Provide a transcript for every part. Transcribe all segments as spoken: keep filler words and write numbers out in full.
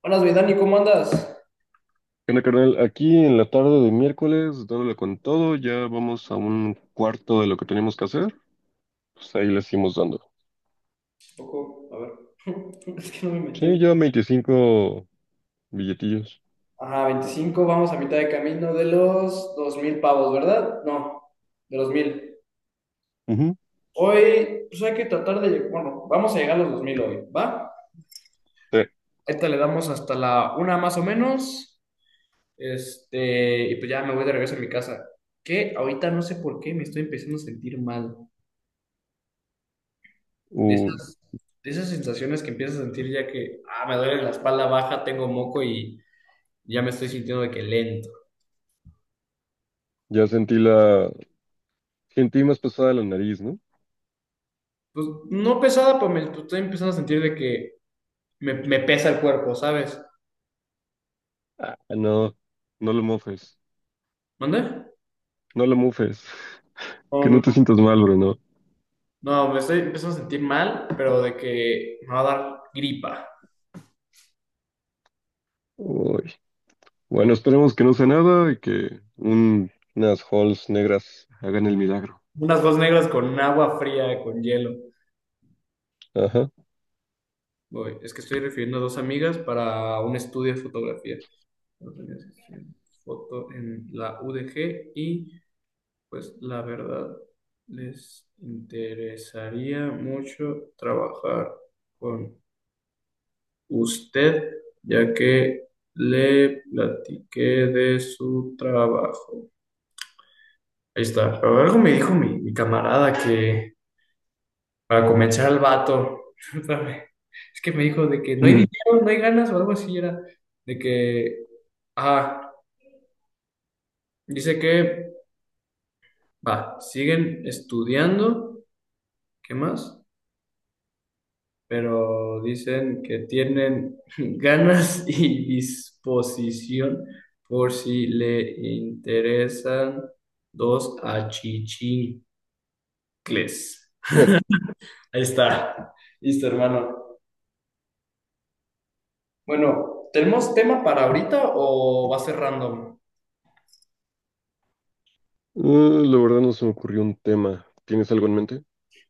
Buenas, mi Dani, ¿cómo andas? Bueno, carnal, aquí en la tarde de miércoles, dándole con todo, ya vamos a un cuarto de lo que teníamos que hacer, pues ahí le seguimos dando. Un poco, a ver, es que no me he metido. Sí, ya veinticinco billetillos. Ajá, veinticinco, vamos a mitad de camino de los dos mil pavos, ¿verdad? No, de los mil. Ujú. Hoy, pues hay que tratar de, lleg- bueno, vamos a llegar a los dos mil hoy, ¿va? Sí. Ahorita le damos hasta la una más o menos, este, y pues ya me voy de regreso a mi casa. Que ahorita no sé por qué me estoy empezando a sentir mal. De Uh, esas, de esas sensaciones que empiezas a sentir ya que, ah, me duele la espalda baja, tengo moco y ya me estoy sintiendo de que lento. ya sentí la... Sentí más pesada la nariz, ¿no? Pues no pesada, pero me pues, estoy empezando a sentir de que me, me pesa el cuerpo, ¿sabes? Ah, no, no lo mofes, ¿Mande? no lo mufes, No, que no no, te sientas mal, bro, no. no, me estoy empezando a sentir mal, pero de que me va a dar gripa. Uy. Bueno, esperemos que no sea nada y que un- unas halls negras hagan el milagro. Unas dos negras con agua fría, con hielo. Ajá. Voy, es que estoy refiriendo a dos amigas para un estudio de fotografía. Dos amigas que estudian foto en la U D G y pues la verdad les interesaría mucho trabajar con usted, ya que le platiqué de su trabajo. Ahí está. Pero algo me dijo mi, mi camarada que, para convencer al vato, es que me dijo de que no hay Ujú. dinero, no hay ganas o algo así era, de que, ah, dice que, va, siguen estudiando, ¿qué más? Pero dicen que tienen ganas y disposición por si le interesan dos achichincles. Ahí está, listo, hermano. Bueno, ¿tenemos tema para ahorita o va a ser random? Eh, la verdad no se me ocurrió un tema. ¿Tienes algo en mente?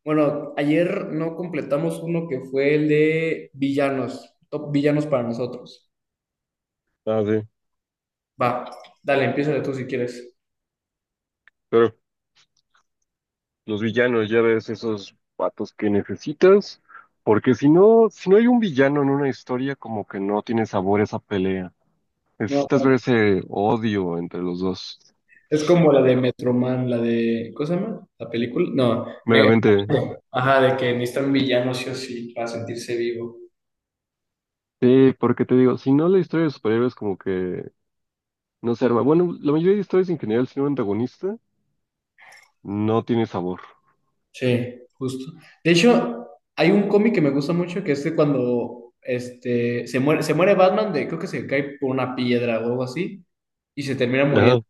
Bueno, ayer no completamos uno que fue el de villanos, top villanos para nosotros. Ah, sí. Va, dale, empieza tú si quieres. Pero los villanos, ya ves, esos patos que necesitas. Porque si no, si no hay un villano en una historia, como que no tiene sabor esa pelea. No, Necesitas ver ese odio entre los dos. es como la de Metroman, la de. ¿Cómo se llama? ¿La película? No. me- Megamente. Ajá, de que necesitan villanos sí o sí para sentirse vivo. Sí, porque te digo, si no la historia de superhéroes como que no se arma. Bueno, la mayoría de historias en general, si no hay antagonista, no tiene sabor. Sí, justo. De hecho, hay un cómic que me gusta mucho que es de cuando este, se muere, se muere Batman, de, creo que se cae por una piedra o algo así, y se termina muriendo. Ajá.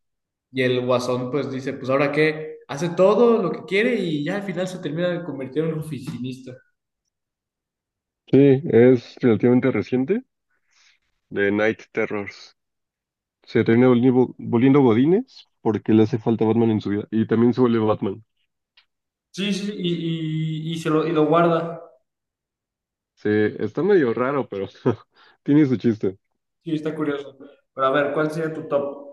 Y el guasón pues dice, pues ahora qué, hace todo lo que quiere y ya al final se termina de convertir en un oficinista. Sí, es relativamente reciente. De Night Terrors. Se termina volviendo, volviendo Godínez porque le hace falta Batman en su vida. Y también se vuelve Batman. Sí, sí, y, y, y se lo, y lo guarda. Se, está medio raro, pero tiene su chiste. Sí, está curioso. Pero a ver, ¿cuál sería tu top?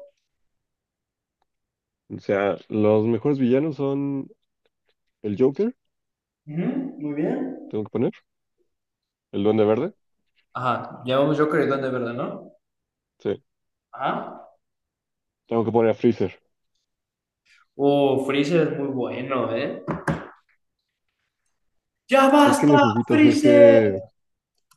O sea, los mejores villanos son el Joker, Ujú, muy bien. tengo que poner, el Duende Verde, Ajá, llevamos Joker y Duende Verde, ¿no? sí, Ajá. tengo que poner a Freezer. Uh, Freezer es muy bueno, ¿eh? ¡Ya Es que basta, necesitas Freezer! ese...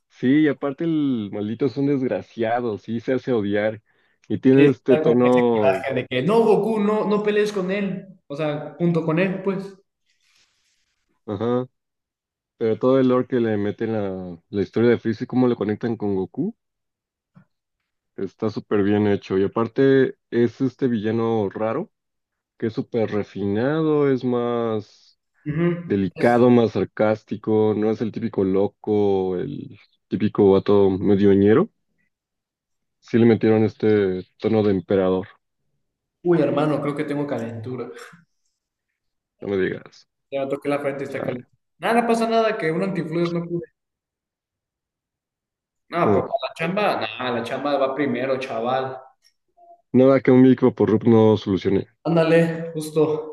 Sí, y aparte el maldito son desgraciados, sí, se hace odiar. Y Sí, tiene este está con ese tono... coraje de que no, Goku, no, no pelees con él. O sea, junto con él, pues. Ajá. Pero todo el lore que le meten a la historia de Freezer, cómo lo conectan con Goku. Está súper bien hecho. Y aparte es este villano raro, que es súper refinado, es más Ujú. Es, delicado, más sarcástico, no es el típico loco, el típico vato medioñero. Sí le metieron este tono de emperador, uy, hermano, creo que tengo calentura. no me digas. Ya toqué la frente y está Chale. caliente. Nada, no pasa nada, que un antifluidos no pude. No, pues Ah, para la chamba, nada, la chamba va primero, chaval. nada que un micro por Rup no solucione. Ándale, justo.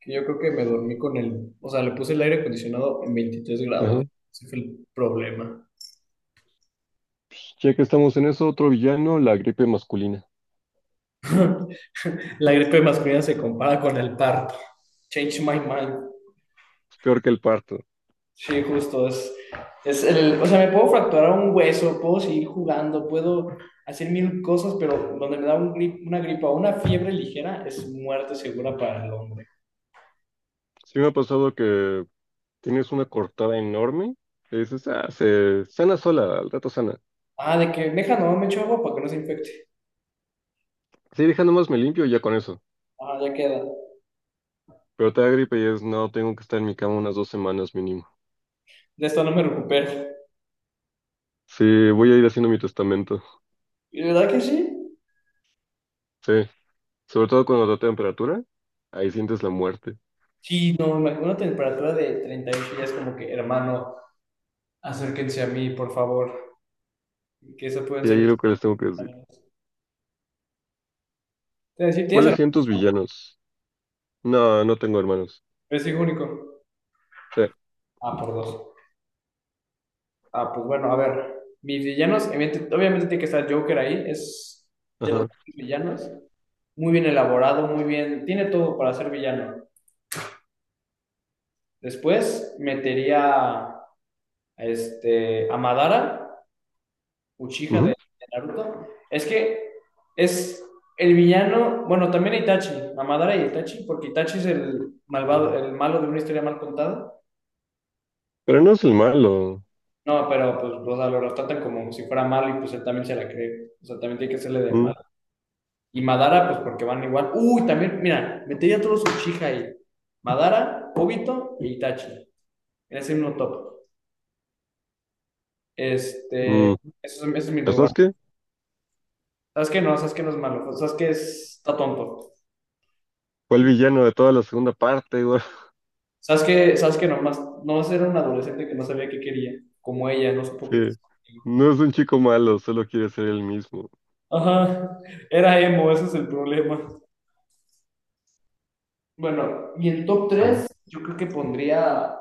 Que yo creo que me dormí con el, o sea, le puse el aire acondicionado en 23 grados. Ajá. Ese fue el problema. Pues, ya que estamos en eso, otro villano, la gripe masculina. La gripe masculina se compara con el parto. Change my mind. Es peor que el parto. Sí, justo, es, es el, o sea, me puedo fracturar un hueso, puedo seguir jugando, puedo hacer mil cosas, pero donde me da un gri- una gripa o una fiebre ligera es muerte segura para el hombre. Sí me ha pasado que tienes una cortada enorme. Y dices, ah, se sana sola, al rato sana. Ah, de que, deja, no, me echo agua para que no se infecte. Sí, deja nomás me limpio y ya con eso. Ah, ya queda. Pero te da gripe y es, no, tengo que estar en mi cama unas dos semanas mínimo. De esto no me recupero. Sí, voy a ir haciendo mi testamento. ¿Y de verdad que sí? Sí, sobre todo cuando da temperatura, ahí sientes la muerte. Sí, no, me imagino una temperatura de treinta y ocho ya es como que, hermano, acérquense a mí, por favor. Que eso pueden Y ahí ser. es lo que les tengo que decir. Te decir, tienes ¿Cuáles son hermano, tus villanos? No, no tengo hermanos. es hijo único. Sí, Ah, por dos. Ah, pues bueno, a ver. Mis villanos, evidente- obviamente tiene que estar Joker ahí, es de los ajá. villanos. Muy bien elaborado, muy bien. Tiene todo para ser villano. Después metería a este, a Madara Uchiha de, Ujú. de Naruto. Es que es el villano, bueno, también Itachi, Amadara y Itachi, porque Itachi es el malvado, el malo de una historia mal contada. Pero no es el malo. No, pero pues, o sea, lo tratan como si fuera malo y pues él también se la cree. O sea, también tiene que hacerle de mal. Mm, Y Madara, pues porque van igual. Uy, también, mira, metería a todos Uchiha ahí. Madara, Obito y Itachi. En ese mismo top. Este, ese mm. es, ese es mi ¿Sabes lugar. qué? ¿Sabes qué no? ¿Sabes qué no es malo? ¿Sabes qué es? ¿Está tonto? Fue el villano de toda la segunda parte, güey. Sabes que, sabes que nomás, nomás era un adolescente que no sabía qué quería, como ella, no supo Sí, qué quiso. no es un chico malo, solo quiere ser él mismo, Ajá, era emo, ese es el problema. Bueno, y en top ¿no? tres yo creo que pondría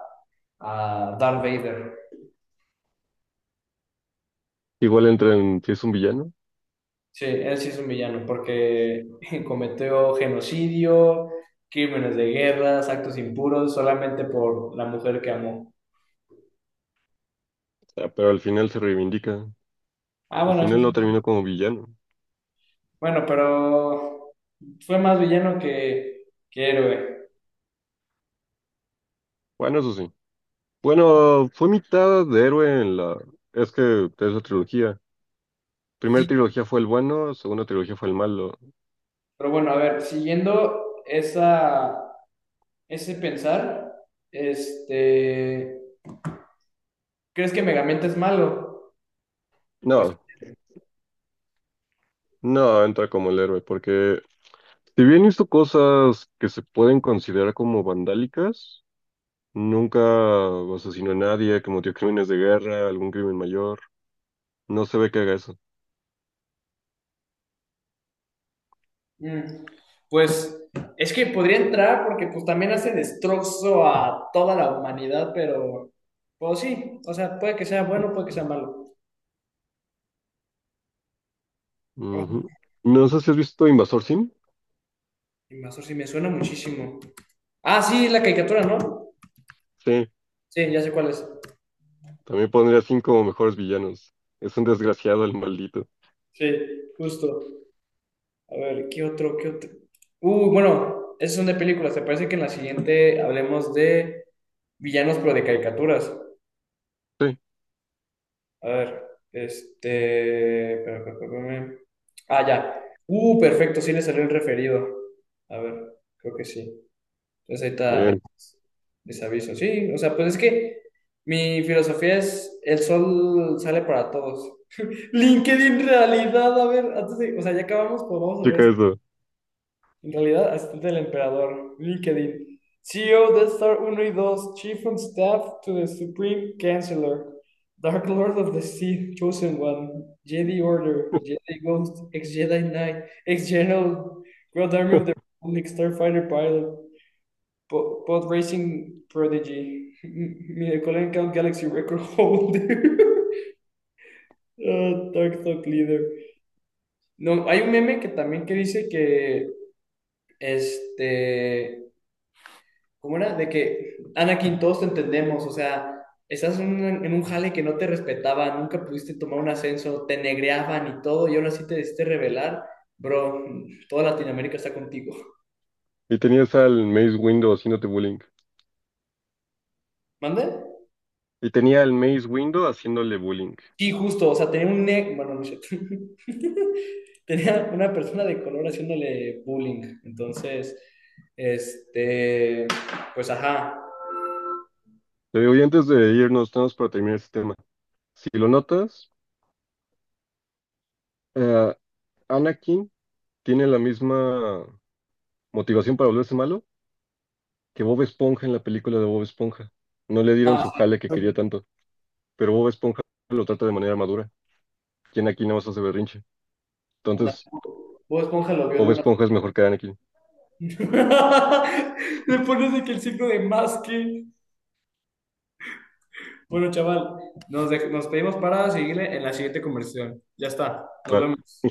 a Darth Vader. Igual entra en si es un villano, o Sí, él sí es un villano porque cometió genocidio, crímenes de guerra, actos impuros solamente por la mujer que amó. sea, pero al final se reivindica. Ah, Al bueno, eso final no sí. terminó como villano. Bueno, pero fue más villano que, que héroe. Bueno, eso sí. Bueno, fue mitad de héroe en la... Es que es la trilogía. Primera Sí, trilogía fue el bueno, segunda trilogía fue el malo. pero bueno, a ver, siguiendo esa, ese pensar, este, ¿crees que Megamente es malo? Pues, No, no entra como el héroe, porque si bien hizo cosas que se pueden considerar como vandálicas, nunca asesinó a nadie, cometió crímenes de guerra, algún crimen mayor, no se ve que haga eso. mm, pues es que podría entrar porque pues también hace destrozo a toda la humanidad, pero pues sí, o sea, puede que sea bueno, puede que sea malo. Ujú. Oh, No sé si has visto Invasor Sim. Invasor sí me suena muchísimo. Ah, sí, la caricatura, ¿no? Sí, Sí, ya sé cuál es. también pondría a Sim como mejores villanos. Es un desgraciado el maldito. Sí, justo. A ver, ¿qué otro? ¿Qué otro? Uh, bueno, esos son de películas. ¿Te parece que en la siguiente hablemos de villanos, pero de caricaturas? Sí, A ver, este. espera, espera, espera, espérame. Ah, ya. Uh, perfecto, sí le salió el referido. A ver, creo que sí. Entonces ahí está el bien, desaviso. Sí, o sea, pues es que mi filosofía es: el sol sale para todos. LinkedIn realidad, a ver, antes de- o sea, ya acabamos, pues vamos a chica ver. eso. En realidad, asistente del emperador, LinkedIn, C E O de Death Star uno y dos, Chief of Staff to the Supreme Chancellor, Dark Lord of the Sith Chosen One, Jedi Order, Jedi Ghost, ex-Jedi Knight, ex-General, Grand Army of the Republic, Starfighter Pilot, po- Pod Racing Prodigy, Miracle Count Galaxy Record Holder, ah, Dark Talk Leader. No, hay un meme que también que dice que este ¿cómo era? De que, Anakin, todos te entendemos, o sea, estás en un, en un jale que no te respetaba, nunca pudiste tomar un ascenso, te negreaban y todo, y ahora sí te decidiste rebelar, bro, toda Latinoamérica está contigo. Y tenías al Maze Window haciéndote bullying. ¿Mande? Y tenía al Maze Window haciéndole bullying. Sí, justo, o sea, tenía un ne... Bueno, no es cierto. Tenía una persona de color haciéndole bullying, entonces, este, pues ajá. Te digo, y antes de irnos, tenemos para terminar este tema. Si lo notas, eh, Anakin tiene la misma motivación para volverse malo que Bob Esponja en la película de Bob Esponja. No le dieron Ah, su sí. jale que quería tanto, pero Bob Esponja lo trata de manera madura. Y Anakin nada más hace berrinche. Anda. Entonces, Bob Esponja lo vio de Bob una Esponja es mejor que Anakin. le pones de que el signo de más que. Bueno, chaval, nos, dej- nos pedimos para seguirle en la siguiente conversación. Ya está, nos Va. vemos.